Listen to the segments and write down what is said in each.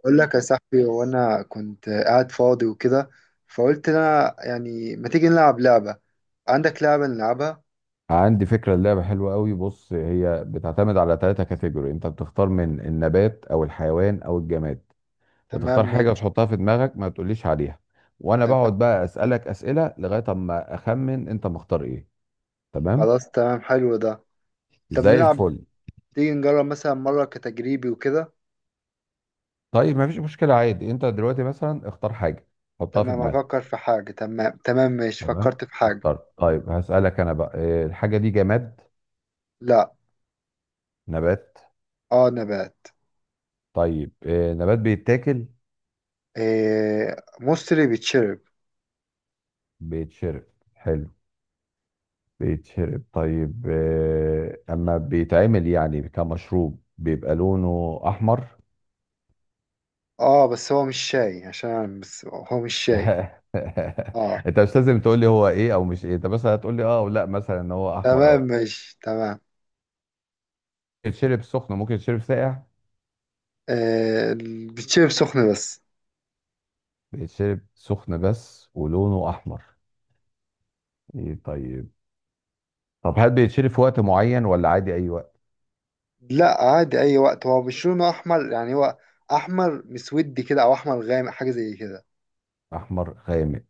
اقول لك يا صاحبي وانا كنت قاعد فاضي وكده، فقلت انا يعني ما تيجي نلعب لعبة؟ عندك لعبة نلعبها؟ عندي فكرة. اللعبة حلوة قوي. بص، هي بتعتمد على ثلاثة كاتيجوري. انت بتختار من النبات او الحيوان او الجماد. تمام بتختار حاجة ماشي. تحطها في دماغك، ما تقوليش عليها. وانا بقعد تمام بقى اسألك اسئلة لغاية اما اخمن انت مختار ايه. تمام. خلاص تمام حلو ده. طب زي نلعب، الفل. تيجي نجرب مثلا مرة كتجريبي وكده. طيب، ما فيش مشكلة. عادي، انت دلوقتي مثلا اختار حاجة، حطها في تمام، دماغك. افكر في حاجة. تمام ماشي، تمام. فكرت في حاجة. اختار. طيب، هسألك انا بقى. الحاجة دي جماد؟ لا. نبات؟ اه نبات. طيب. نبات بيتاكل؟ إيه مصري بيتشرب. بيتشرب. حلو. بيتشرب. طيب، اما بيتعمل يعني كمشروب بيبقى لونه احمر. اه بس هو مش شاي عشان أنا، بس هو مش شاي اه انت مش لازم تقول لي هو ايه او مش ايه. انت بس هتقول لي اه او لا، مثلا ان هو احمر تمام او. ماشي تمام. بيتشرب سخن؟ ممكن يتشرب ساقع؟ إيه بيتشرب سخن بس. بيتشرب سخن بس ولونه احمر. ايه طيب. طب هل بيتشرب في وقت معين ولا عادي اي وقت؟ لا عادي اي وقت. هو مش لونه احمر، يعني هو احمر مسودي كده او احمر غامق حاجه زي كده. احمر غامق.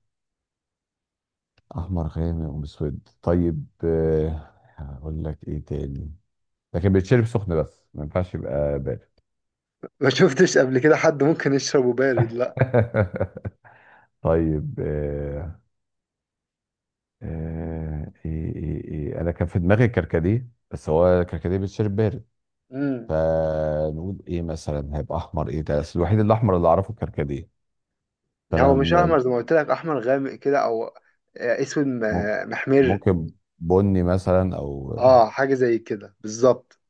احمر غامق ومسود. طيب. هقول لك ايه تاني. لكن بيتشرب سخن بس، ما ينفعش يبقى بارد. ما شفتش قبل كده حد ممكن يشربه بارد، لا. طيب. إيه إيه إيه أنا كان في دماغي كركديه، بس هو كركديه بيتشرب بارد. امم فنقول إيه مثلا؟ هيبقى أحمر إيه؟ ده أصل الوحيد الأحمر اللي أعرفه الكركديه. لا هو فأنا مش م- احمر زي ما قلت لك، احمر غامق كده او اسود ممكن. محمر. ممكن بني مثلا أو. اه حاجه زي كده بالظبط.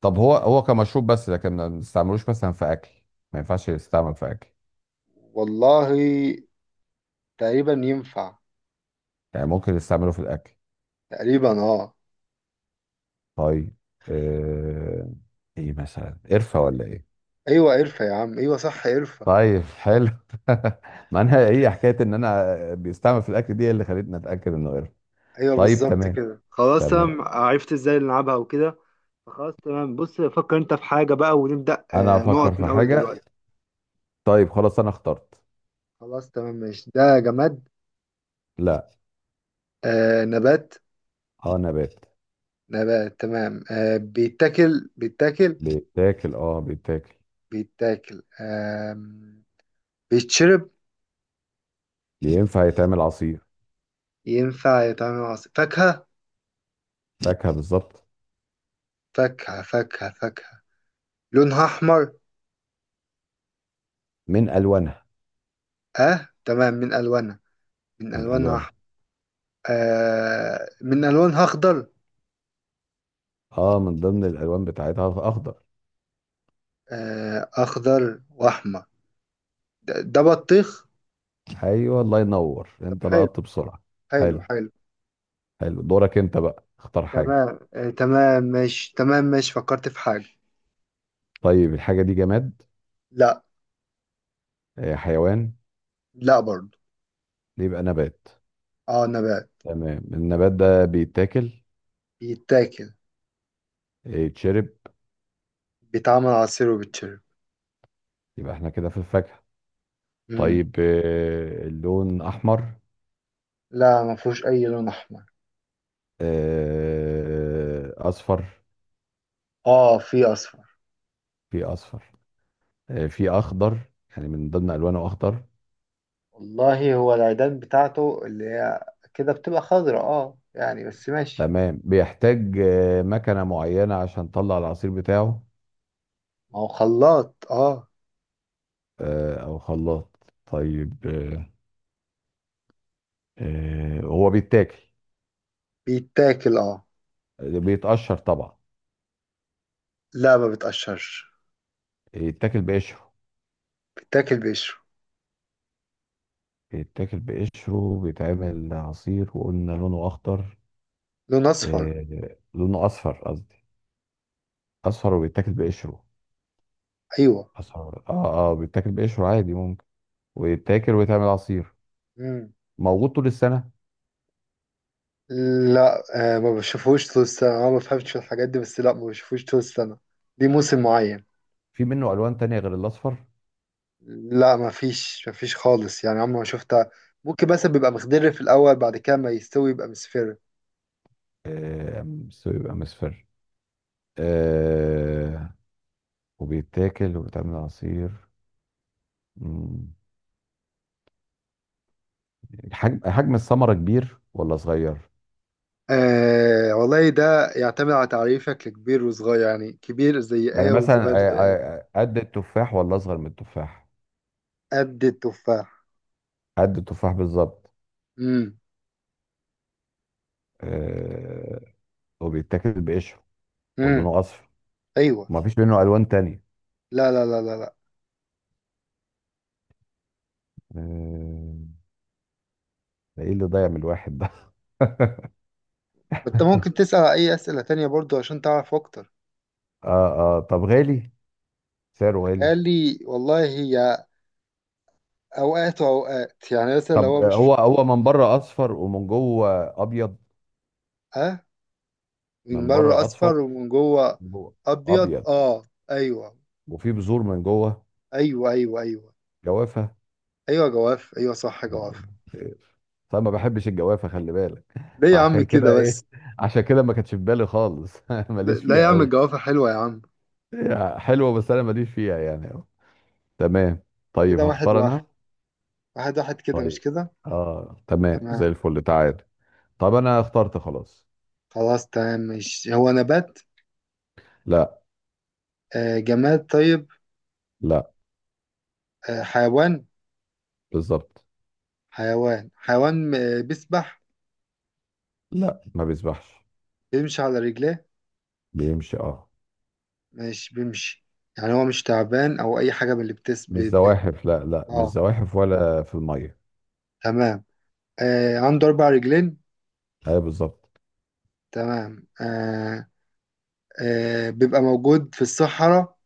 طب هو كمشروب بس لكن ما نستعملوش مثلا في أكل؟ ما ينفعش يستعمل في أكل؟ والله تقريبا ينفع. يعني ممكن نستعمله في الأكل؟ تقريبا اه. طيب. آه إيه مثلا؟ قرفة ولا إيه؟ ايوه قرفه يا عم، ايوه صح قرفه. طيب، حلو. ما انا هي حكايه ان انا، بيستعمل في الاكل دي اللي خلتني اتاكد انه قرد. ايوه طيب. بالظبط تمام. كده، خلاص تمام، تمام عرفت ازاي نلعبها وكده. فخلاص تمام، بص فكر انت في حاجه بقى ونبدا انا هفكر نقط من في اول حاجه. دلوقتي. طيب خلاص، انا اخترت. خلاص تمام ماشي. ده جماد؟ لا. آه نبات. اه، نبات. نبات تمام. آه بيتاكل. بيتاكل بيتاكل. اه، بيتاكل. بيتاكل آه. بيتشرب. ينفع يتعمل عصير. ينفع يتعمل عصير فاكهة. فاكهه بالظبط. فاكهة لونها أحمر. من الوانها. اه تمام من ألوانها. من من ألوانها الوانها. أحمر. آه من ألوانها أخضر. اه، من ضمن الالوان بتاعتها اخضر. آه أخضر وأحمر. ده بطيخ. ايوه، الله ينور، طب انت حلو. لقطت بسرعه. حلو حلو. حلو. حلو. دورك انت بقى، اختار حاجه. تمام آه تمام ماشي. فكرت في حاجة. طيب، الحاجه دي جماد؟ لا. حيوان؟ لا برضه. يبقى نبات. اه نبات. تمام. النبات ده بيتاكل؟ بيتاكل. يتشرب؟ بيتعمل عصير وبيتشرب. يبقى احنا كده في الفاكهة. امم طيب. اللون أحمر؟ لا ما فيهوش اي لون احمر. أصفر؟ اه في اصفر. في أصفر. في أخضر؟ يعني من ضمن ألوانه أخضر. والله هو العيدان بتاعته اللي هي كده بتبقى خضراء اه يعني بس ماشي. تمام. بيحتاج مكنة معينة عشان تطلع العصير بتاعه؟ ما هو خلاط اه. أو خلاط. طيب. هو بيتاكل؟ بيتاكل اه. بيتقشر طبعا؟ لا ما بتقشرش. يتاكل بقشره؟ بيتاكل بقشره. يتاكل بقشره. بيتعمل عصير. وقلنا لونه أخضر. لون اصفر. لونه اصفر قصدي. اصفر وبيتاكل بقشره. ايوه. اصفر، اه. اه، بيتاكل بقشره عادي ممكن. ويتاكل ويتعمل عصير. امم موجود طول السنه؟ لا. آه ما بشوفهوش طول السنه، انا ما بفهمش في الحاجات دي بس، لا ما بشوفهوش طول السنه، دي موسم معين. في منه الوان تانية غير الاصفر؟ لا ما فيش، ما فيش خالص، يعني عمري ما شفتها. ممكن، بس بيبقى مخضر في الأول، بعد كده ما يستوي يبقى مصفر. بيبقى مصفر. آه وبيتاكل وبيتعمل عصير. مم. حجم الثمره كبير ولا صغير؟ آه والله ده يعتمد على تعريفك لكبير وصغير، يعني كبير زي يعني ايه مثلا وصغير زي ايه. قد التفاح ولا اصغر من التفاح؟ قد التفاح. قد التفاح بالظبط. امم آه وبيتاكل بقشره. امم ولونه اصفر. ايوه. ومفيش منه الوان تانية. لا لا لا لا لا. آه، ده ايه اللي ضيع من الواحد ده. انت ممكن تسأل على اي أسئلة تانية برضو عشان تعرف اكتر. اه. اه، طب غالي؟ سعره غالي؟ قال لي والله هي اوقات واوقات، يعني مثلا لو طب، هو مش، هو من بره اصفر ومن جوه ابيض؟ ها؟ من من بره بره اصفر. اصفر ومن جوه. من جوه ابيض ابيض. اه. ايوه وفي بذور من جوه. ايوه ايوه. ايوه جوافه. ايوه جواف، ايوه صح الله. جواف. آه، طب ما بحبش الجوافه، خلي بالك. ليه يا عم فعشان كده كده ايه، بس. عشان كده ما كانتش في بالي خالص. لا ماليش لا يا فيها عم قوي. الجوافة حلوة يا عم. هي حلوه بس انا ماليش فيها يعني قوي. تمام. طيب كده واحد هختار واحد. انا. واحد واحد كده مش طيب. كده. اه، تمام. تمام. زي الفل. تعال. طب انا اخترت خلاص. خلاص تمام. مش هو نبات؟ لا. آه جماد؟ طيب لا. آه حيوان. بالظبط. حيوان حيوان. آه بيسبح؟ لا، ما بيسبحش. بيمشي على رجليه. بيمشي، اه. مش بيمشي. يعني هو مش تعبان او اي حاجة من اللي بتس ب... مش ب... زواحف. لا، لا، مش اه زواحف ولا في الميه. تمام. آه عنده اربع رجلين. ايوه بالظبط. تمام آه. آه بيبقى موجود في الصحراء.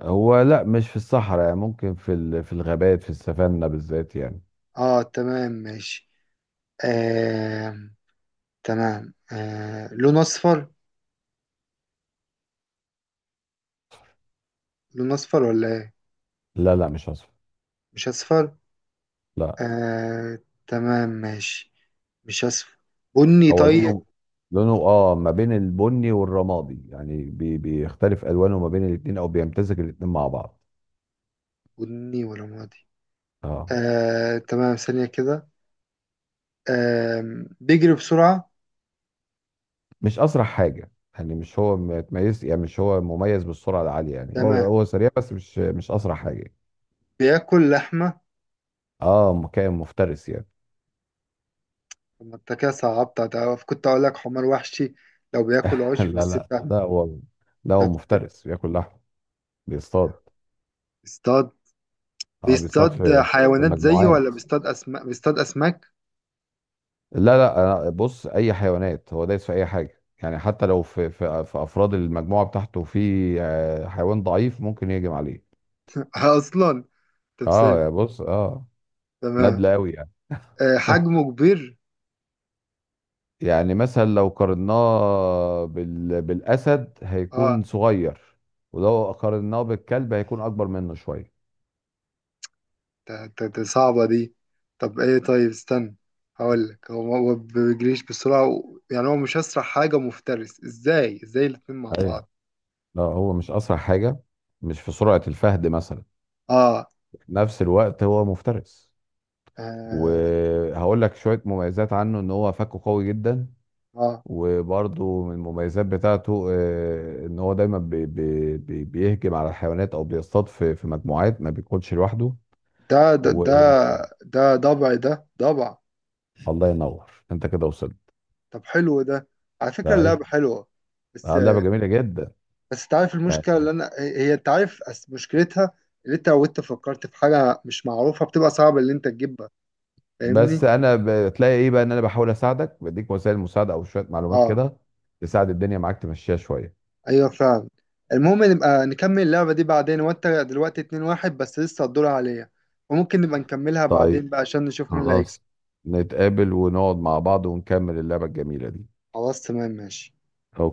هو لا، مش في الصحراء. يعني ممكن في الغابات، في السافانا بالذات يعني. اه تمام ماشي. آه تمام. آه لون اصفر؟ لون اصفر ولا ايه؟ لا، لا، مش اصفر. مش اصفر. لا. آه تمام ماشي. مش اصفر. بني هو طيب. لونه، ما بين البني والرمادي. يعني بيختلف الوانه ما بين الاتنين، او بيمتزج الاتنين مع بعض. بني ولا ماضي. اه، آه تمام ثانية كده. آه بيجري بسرعة. مش اسرع حاجه. يعني مش هو متميز يعني، مش هو مميز بالسرعه العاليه. يعني هو تمام. هو سريع بس مش اسرع حاجه. بياكل لحمة. اه، كائن مفترس يعني. طب ما انت كده صعبت، ده كنت اقول لك حمار وحشي لو بياكل عشب لا، بس، لا، انت ده هو. طب. مفترس بياكل لحم. بيصطاد. بيصطاد؟ اه، بيصطاد بيصطاد في حيوانات زيه ولا مجموعات. بيصطاد اسماك؟ بيصطاد اسماك. لا، لا، بص، اي حيوانات. هو دايس في اي حاجه يعني، حتى لو في افراد المجموعه بتاعته في. حيوان ضعيف ممكن يهجم عليه. اصلا. طب ثانية. اه، يا، بص، اه. تمام. نادلة قوي يعني. آه حجمه كبير. يعني مثلا لو قارناه بالاسد هيكون اه. صغير. ولو قارناه بالكلب هيكون اكبر منه شويه. ده صعبة دي. طب ايه طيب استنى، هقولك هو ما هو بيجريش بسرعة يعني هو مش أسرع حاجة، مفترس ازاي، الاتنين مع بعض. لا، هو مش اسرع حاجه. مش في سرعه الفهد مثلا. اه في نفس الوقت هو مفترس. اه, وهقول لك شويه مميزات عنه، ان هو فكه قوي جدا. آه. وبرضه من المميزات بتاعته، ان هو دايما بي بي بي بيهجم على الحيوانات او بيصطاد في مجموعات، ما بيكونش لوحده. ده والله ده ضبع، ده ضبع. ينور، انت كده وصلت. طب حلو ده. على فكرة ده ايه؟ اللعبة حلوة بس. لعبه جميله جدا تعرف المشكلة يعني. اللي أنا هي، أنت عارف مشكلتها اللي أنت لو أنت فكرت في حاجة مش معروفة بتبقى صعب اللي أنت تجيبها. فاهمني؟ بس انا، بتلاقي ايه بقى، ان انا بحاول اساعدك، بديك وسائل مساعده او شويه معلومات اه. كده. تساعد الدنيا معاك تمشيها شويه. ايوه فعلا. المهم نبقى نكمل اللعبة دي بعدين، وانت دلوقتي 2-1 بس، لسه الدور عليا، وممكن نبقى نكملها بعدين طيب. بقى عشان نشوف مين اللي هيكسب. خلاص. نتقابل ونقعد مع بعض ونكمل اللعبة الجميلة دي. خلاص تمام ماشي. أوكي.